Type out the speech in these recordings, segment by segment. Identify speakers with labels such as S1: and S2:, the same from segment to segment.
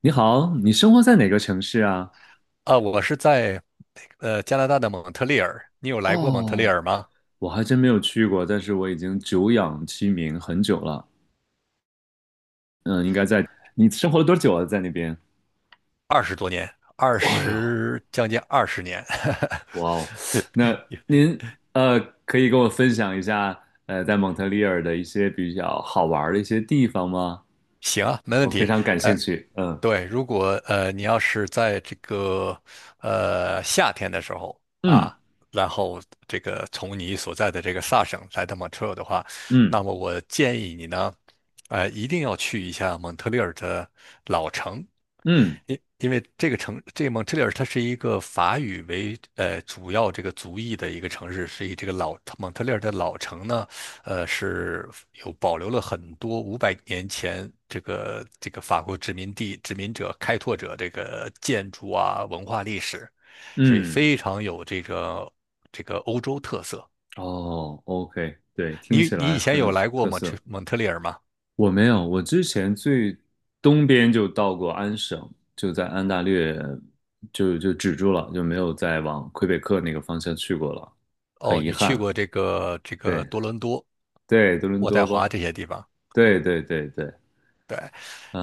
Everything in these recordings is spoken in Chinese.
S1: 你好，你生活在哪个城市啊？
S2: 啊，我是在加拿大的蒙特利尔，你有来过蒙特利
S1: 哦，
S2: 尔吗？
S1: 我还真没有去过，但是我已经久仰其名很久了。嗯，应该在，你生活了多久了？在那边？
S2: 20多年，二
S1: 哎呦，
S2: 十将近20年，
S1: 哇哦，那 您呃，可以跟我分享一下在蒙特利尔的一些比较好玩儿的一些地方吗？
S2: 行啊，没问
S1: 我非
S2: 题。
S1: 常感兴趣。嗯
S2: 对，如果你要是在这个夏天的时候
S1: 嗯
S2: 啊，然后这个从你所在的这个萨省来到蒙特利尔的话，
S1: 嗯
S2: 那么我建议你呢，一定要去一下蒙特利尔的老城。
S1: 嗯
S2: 因为这个城，这个蒙特利尔，它是一个法语为主要这个族裔的一个城市，所以这个老蒙特利尔的老城呢，是有保留了很多五百年前这个法国殖民地殖民者开拓者这个建筑啊文化历史，所以
S1: 嗯，
S2: 非常有这个欧洲特色。
S1: 哦，OK，对，听
S2: 你
S1: 起
S2: 你
S1: 来
S2: 以前
S1: 很
S2: 有
S1: 有
S2: 来过
S1: 特
S2: 蒙特
S1: 色。
S2: 蒙特利尔吗？
S1: 我没有，我之前最东边就到过安省，就在安大略就止住了，就没有再往魁北克那个方向去过了，很
S2: 哦，
S1: 遗
S2: 你去
S1: 憾。
S2: 过这个
S1: 对
S2: 多伦多、
S1: 对，多伦
S2: 渥太
S1: 多
S2: 华
S1: 包，
S2: 这些地方。
S1: 对对对对，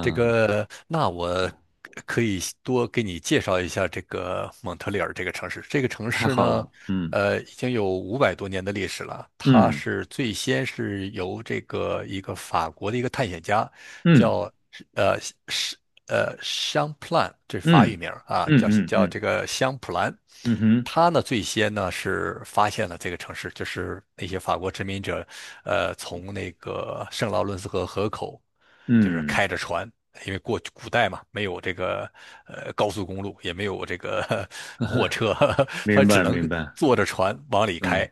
S2: 这个，那我可以多给你介绍一下这个蒙特利尔这个城市。这个城
S1: 太
S2: 市
S1: 好
S2: 呢，
S1: 了，嗯
S2: 已经有500多年的历史了。它
S1: 嗯
S2: 是最先是由这个一个法国的一个探险家，
S1: 嗯
S2: 叫呃是香普兰，这是法
S1: 嗯
S2: 语名儿啊，
S1: 嗯
S2: 叫
S1: 嗯
S2: 叫
S1: 嗯
S2: 这个香普兰。
S1: 嗯哼，
S2: 他呢最先呢是发现了这个城市，就是那些法国殖民者，从那个圣劳伦斯河河口，就是
S1: 嗯，
S2: 开着船。因为过古代嘛，没有这个高速公路，也没有这个火车，
S1: 明
S2: 他只
S1: 白
S2: 能
S1: 明白，
S2: 坐着船往里
S1: 嗯
S2: 开。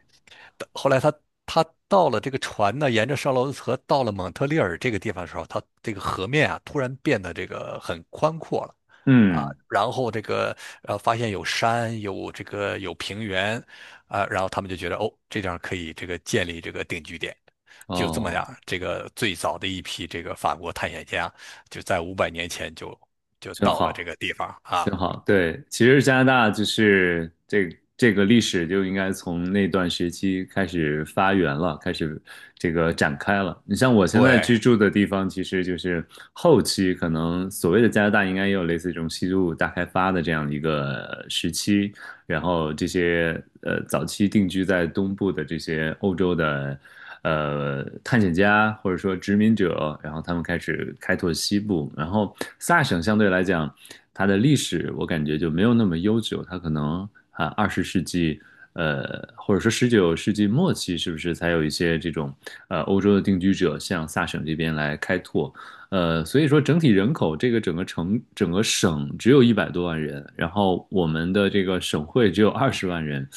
S2: 后来他到了这个船呢，沿着绍罗斯河到了蒙特利尔这个地方的时候，它这个河面啊突然变得这个很宽阔了，啊，
S1: 嗯，
S2: 然后这个发现有山，有这个有平原，啊，然后他们就觉得哦，这地方可以这个建立这个定居点，就这么样，
S1: 哦，
S2: 这个最早的一批这个法国探险家就在五百年前就
S1: 真
S2: 到了这
S1: 好。
S2: 个地方啊，
S1: 真好，对，其实加拿大就是这个历史就应该从那段时期开始发源了，开始这个展开了。你像我现在
S2: 对，
S1: 居住的地方，其实就是后期可能所谓的加拿大应该也有类似这种西部大开发的这样一个时期，然后这些早期定居在东部的这些欧洲的探险家或者说殖民者，然后他们开始开拓西部，然后萨省相对来讲，它的历史我感觉就没有那么悠久，它可能啊20世纪。呃，或者说19世纪末期，是不是才有一些这种欧洲的定居者向萨省这边来开拓？所以说整体人口这个整个省只有100多万人，然后我们的这个省会只有20万人、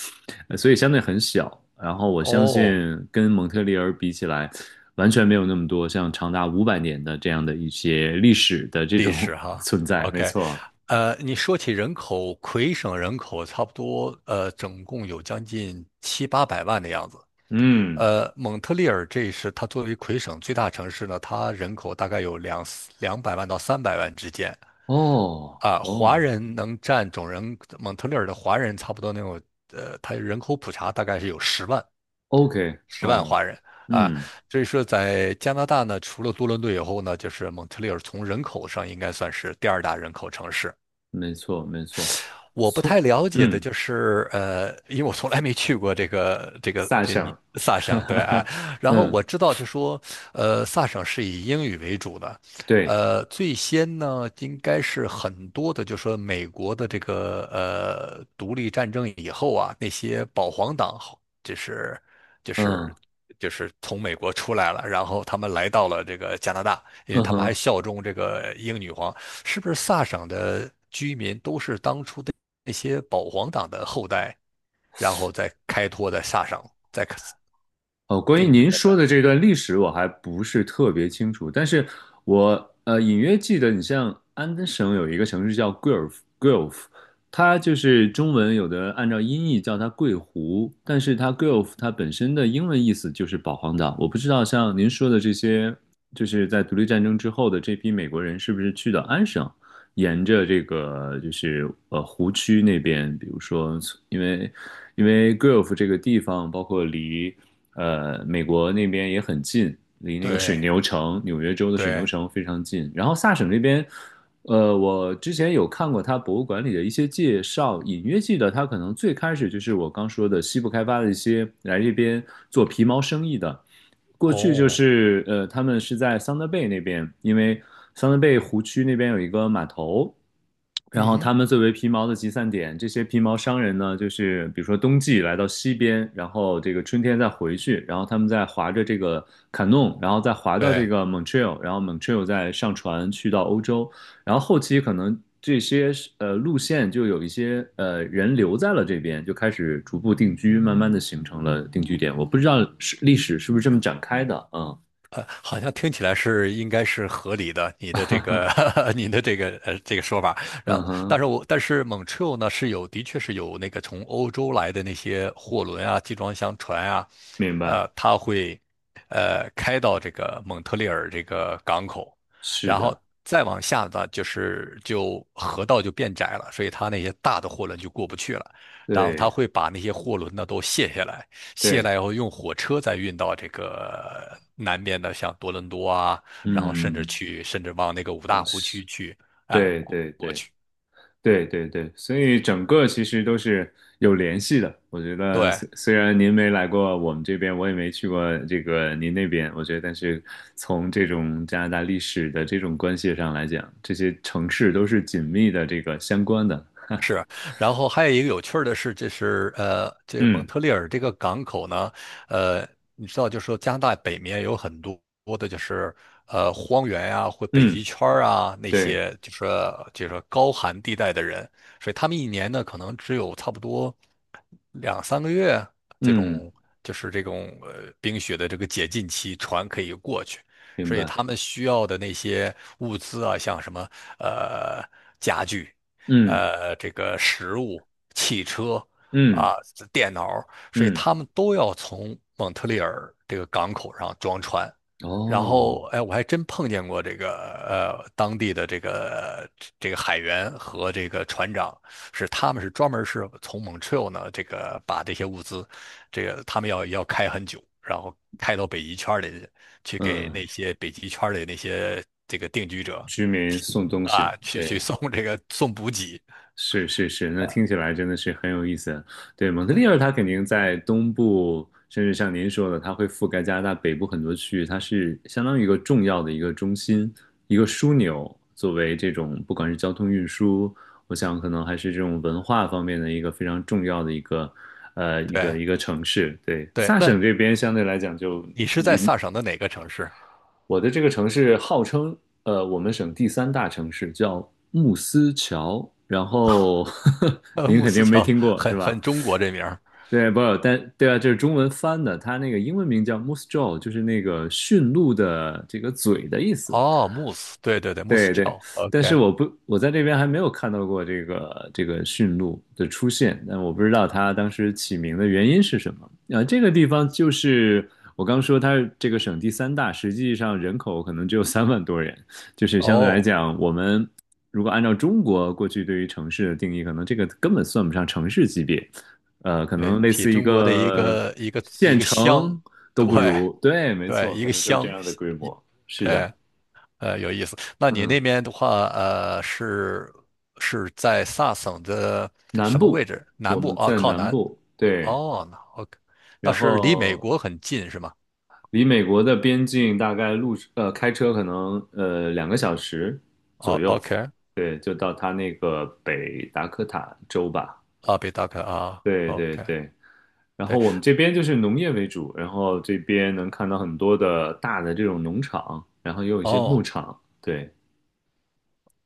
S1: 所以相对很小。然后我相
S2: 哦，
S1: 信跟蒙特利尔比起来，完全没有那么多像长达500年的这样的一些历史的这
S2: 历
S1: 种
S2: 史 哈
S1: 存在。没
S2: ，OK，
S1: 错，
S2: 你说起人口，魁省人口差不多，总共有将近七八百万的样子。
S1: 嗯，
S2: 蒙特利尔这是它作为魁省最大城市呢，它人口大概有200万到300万之间
S1: 哦
S2: 啊。华
S1: 哦
S2: 人能占总人，蒙特利尔的华人差不多能有，它人口普查大概是有十万，
S1: ，OK，
S2: 十万
S1: 哦，
S2: 华人啊，
S1: 嗯，
S2: 所以说在加拿大呢，除了多伦多以后呢，就是蒙特利尔从人口上应该算是第二大人口城市。
S1: 没错没错，
S2: 我不太
S1: 从
S2: 了解的
S1: 嗯
S2: 就是，因为我从来没去过这个这个
S1: 萨
S2: 这
S1: 省，
S2: 你 萨
S1: 哈
S2: 省，对
S1: 哈
S2: 啊。
S1: 哈，
S2: 然后
S1: 嗯
S2: 我知道就说，萨省是以英语为主的，
S1: 对。
S2: 最先呢应该是很多的，就说美国的这个独立战争以后啊，那些保皇党后就是就
S1: 嗯，
S2: 是就是从美国出来了，然后他们来到了这个加拿大，因为
S1: 嗯
S2: 他们还
S1: 哼，
S2: 效忠这个英女皇。是不是萨省的居民都是当初的那些保皇党的后代，然后再开拓在萨省，再
S1: 哦，关于
S2: 定居
S1: 您
S2: 在萨。
S1: 说的这段历史，我还不是特别清楚，但是我隐约记得，你像安登省有一个城市叫 g u e l f Gulf 它就是中文有的按照音译叫它桂湖，但是它 g u e l f 它本身的英文意思就是保皇岛。我不知道像您说的这些，就是在独立战争之后的这批美国人是不是去到安省，沿着这个就是湖区那边，比如说因为因为 g u e l f 这个地方，包括离。美国那边也很近，离那个水
S2: 对
S1: 牛城，纽约州的水牛
S2: 对，
S1: 城非常近。然后萨省那边我之前有看过他博物馆里的一些介绍，隐约记得他可能最开始就是我刚说的西部开发的一些来这边做皮毛生意的，过去就
S2: 哦，
S1: 是他们是在桑德贝那边，因为桑德贝湖区那边有一个码头，然
S2: 嗯
S1: 后
S2: 哼
S1: 他们作为皮毛的集散点，这些皮毛商人呢，就是比如说冬季来到西边，然后这个春天再回去，然后他们再划着这个卡弄，然后再划到这
S2: 对，
S1: 个 Montreal，然后 Montreal 再上船去到欧洲，然后后期可能这些路线就有一些人留在了这边，就开始逐步定居，慢慢的形成了定居点。我不知道是历史是不是这么展开的，嗯，
S2: 好像听起来是应该是合理的，你的这个 你的这个这个说法。
S1: 嗯
S2: 然后，但
S1: 哼，
S2: 是我但是 m o n t 呢是有的确是有那个从欧洲来的那些货轮啊、集装箱船啊，
S1: 明白，
S2: 它会开到这个蒙特利尔这个港口，
S1: 是
S2: 然后
S1: 的，
S2: 再往下呢就是就河道就变窄了，所以它那些大的货轮就过不去了，然后它
S1: 对
S2: 会把那些货轮呢都卸下来。卸了
S1: 对，
S2: 以后用火车再运到这个南边的像多伦多啊，然后甚至
S1: 嗯，
S2: 去，甚至往那个五
S1: 哦，
S2: 大湖
S1: 是，
S2: 区去，啊、
S1: 对
S2: 过
S1: 对
S2: 过
S1: 对。
S2: 去。
S1: 对对对，所以整个其实都是有联系的。我觉得
S2: 对，
S1: 虽然您没来过我们这边，我也没去过这个您那边，我觉得但是从这种加拿大历史的这种关系上来讲，这些城市都是紧密的这个相关的。
S2: 然后还有一个有趣儿的是，这是这个蒙
S1: 嗯
S2: 特利尔这个港口呢，呃，你知道，就是说加拿大北面有很多的，就是荒原呀、或北
S1: 嗯，
S2: 极圈儿啊那
S1: 对，
S2: 些，就是说高寒地带的人，所以他们一年呢，可能只有差不多两三个月这
S1: 嗯，
S2: 种，就是这种冰雪的这个解禁期，船可以过去，
S1: 明
S2: 所以
S1: 白，
S2: 他们需要的那些物资啊，像什么呃家具，
S1: 嗯
S2: 这个食物、汽车
S1: 嗯
S2: 啊、电脑，所以
S1: 嗯，
S2: 他们都要从蒙特利尔这个港口上装船。然
S1: 哦，
S2: 后，哎，我还真碰见过这个当地的这个海员和这个船长，是他们是专门是从蒙特 r 呢，这个把这些物资，这个他们要开很久，然后开到北极圈里去给
S1: 嗯，
S2: 那些北极圈里那些这个定居者
S1: 居民送东西，
S2: 啊，去
S1: 对。
S2: 送这个送补给。
S1: 是是是，那听起来真的是很有意思。对，蒙特
S2: 嗯
S1: 利尔它肯定在东部，甚至像您说的，它会覆盖加拿大北部很多区域，它是相当于一个重要的一个中心、一个枢纽，作为这种不管是交通运输，我想可能还是这种文化方面的一个非常重要的一个呃一个
S2: 对
S1: 一个城市。对，
S2: 对，
S1: 萨
S2: 那
S1: 省这边相对来讲就。
S2: 你是在
S1: 银。
S2: 萨省的哪个城市？
S1: 我的这个城市号称我们省第三大城市，叫慕斯桥。然后 呵呵 您
S2: 慕
S1: 肯
S2: 斯
S1: 定没
S2: 桥
S1: 听过
S2: 很
S1: 是吧？
S2: 很中国这名儿。
S1: 对，不，但对啊，这是中文翻的，它那个英文名叫 Moose Jaw，就是那个驯鹿的这个嘴的意思。
S2: 哦，慕斯，对对对，慕斯
S1: 对对，
S2: 桥
S1: 但是
S2: ，OK，
S1: 我不，我在这边还没有看到过这个驯鹿的出现，但我不知道它当时起名的原因是什么。啊、这个地方就是我刚说它是这个省第三大，实际上人口可能只有3万多人，就是相对来
S2: 哦，
S1: 讲，我们如果按照中国过去对于城市的定义，可能这个根本算不上城市级别，可
S2: 对，
S1: 能类
S2: 比
S1: 似一
S2: 中国的一
S1: 个
S2: 个
S1: 县
S2: 乡，
S1: 城都
S2: 对
S1: 不如。对，没
S2: 对，
S1: 错，
S2: 一
S1: 可
S2: 个
S1: 能就是这
S2: 乡，
S1: 样的规
S2: 一
S1: 模。是的，
S2: 对，有意思。那你那
S1: 嗯。
S2: 边的话，是在萨省的
S1: 南
S2: 什么位
S1: 部，
S2: 置？
S1: 我
S2: 南部
S1: 们
S2: 啊，
S1: 在
S2: 靠
S1: 南
S2: 南。
S1: 部，对，
S2: 哦，那 OK，那
S1: 然
S2: 是离美
S1: 后
S2: 国很近是吗？
S1: 离美国的边境大概开车可能2个小时
S2: 哦
S1: 左右，
S2: ，OK，
S1: 对，就到它那个北达科塔州吧，
S2: 啊，北达科啊
S1: 对对
S2: ，OK。
S1: 对。然后
S2: 对。
S1: 我们这边就是农业为主，然后这边能看到很多的大的这种农场，然后也有一些牧
S2: 哦，
S1: 场，对，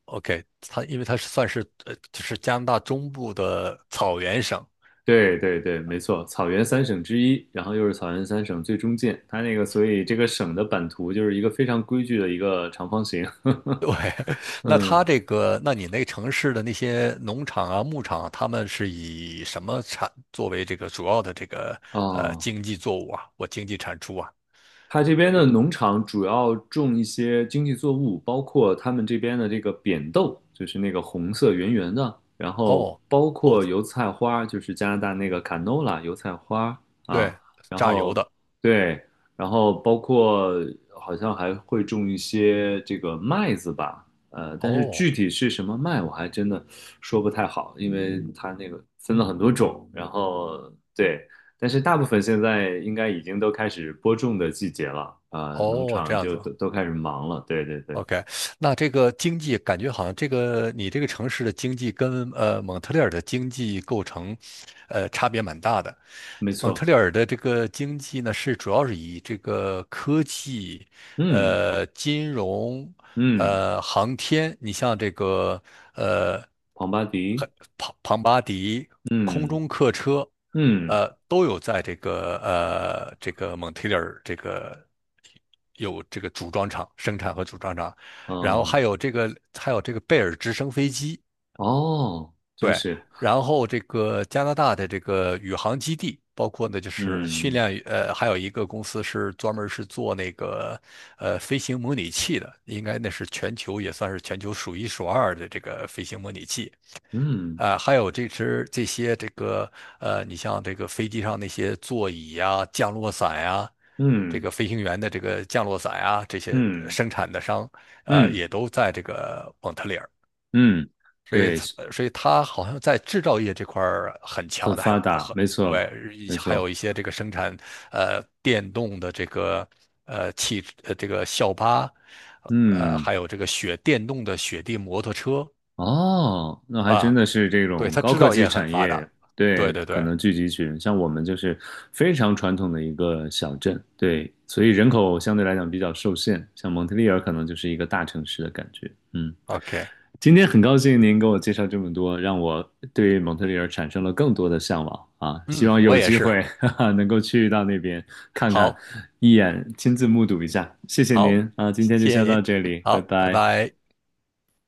S2: OK，它因为它是算是就是加拿大中部的草原省。
S1: 对对对，没错，草原三省之一，然后又是草原三省最中间，它那个所以这个省的版图就是一个非常规矩的一个长方形。
S2: 对，那
S1: 嗯，
S2: 它这个，那你那个城市的那些农场啊、牧场啊，他们是以什么产作为这个主要的这个
S1: 哦，
S2: 经济作物啊？我经济产出啊？
S1: 它这边的农场主要种一些经济作物，包括他们这边的这个扁豆，就是那个红色圆圆的，然后
S2: 哦，
S1: 包
S2: 豆
S1: 括
S2: 子，
S1: 油菜花，就是加拿大那个 canola 油菜花啊，
S2: 对，
S1: 然
S2: 榨油
S1: 后
S2: 的。
S1: 对，然后包括好像还会种一些这个麦子吧，但是具
S2: 哦，
S1: 体是什么麦我还真的说不太好，因为它那个分了很多种，然后对。但是大部分现在应该已经都开始播种的季节了，啊、农
S2: 哦，这
S1: 场
S2: 样
S1: 就
S2: 子。
S1: 都开始忙了。对对对，
S2: OK，那这个经济感觉好像这个你这个城市的经济跟蒙特利尔的经济构成，差别蛮大的。
S1: 没
S2: 蒙特
S1: 错。
S2: 利尔的这个经济呢，是主要是以这个科技、
S1: 嗯
S2: 金融、
S1: 嗯，
S2: 航天，你像这个呃
S1: 庞巴迪，
S2: 很庞巴迪空
S1: 嗯
S2: 中客车，
S1: 嗯
S2: 都有在这个这个蒙特利尔这个有这个组装厂生产和组装厂，然后还
S1: 嗯，
S2: 有这个还有这个贝尔直升飞机。
S1: 哦，真
S2: 对，
S1: 是，
S2: 然后这个加拿大的这个宇航基地，包括呢就是训
S1: 嗯
S2: 练，还有一个公司是专门是做那个飞行模拟器的，应该那是全球也算是全球数一数二的这个飞行模拟器。
S1: 嗯
S2: 啊、还有这只这些这个你像这个飞机上那些座椅呀、降落伞呀、这
S1: 嗯
S2: 个飞行员的这个降落伞呀、这些
S1: 嗯
S2: 生产的商，
S1: 嗯
S2: 也都在这个蒙特利尔。
S1: 嗯，
S2: 所以
S1: 对，
S2: 它所以它好像在制造业这块儿很
S1: 很
S2: 强的，还
S1: 发达，
S2: 很
S1: 没错
S2: 对，一
S1: 没
S2: 还有
S1: 错，
S2: 一些这个生产电动的这个这个校巴，
S1: 嗯。
S2: 还有这个电动的雪地摩托车
S1: 哦，那还真
S2: 啊，
S1: 的是这
S2: 对，
S1: 种
S2: 它
S1: 高
S2: 制
S1: 科
S2: 造
S1: 技
S2: 业很
S1: 产
S2: 发
S1: 业，
S2: 达，对
S1: 对，
S2: 对
S1: 可
S2: 对
S1: 能聚集群，像我们就是非常传统的一个小镇，对，所以人口相对来讲比较受限，像蒙特利尔可能就是一个大城市的感觉，嗯。
S2: ，OK，
S1: 今天很高兴您给我介绍这么多，让我对蒙特利尔产生了更多的向往啊！希
S2: 嗯，
S1: 望
S2: 我
S1: 有
S2: 也
S1: 机
S2: 是，
S1: 会 哈哈能够去到那边看看，
S2: 好，
S1: 一眼亲自目睹一下。谢谢
S2: 好，
S1: 您啊，今天就
S2: 谢
S1: 先
S2: 谢
S1: 到
S2: 您，
S1: 这里，拜
S2: 好，拜
S1: 拜。
S2: 拜。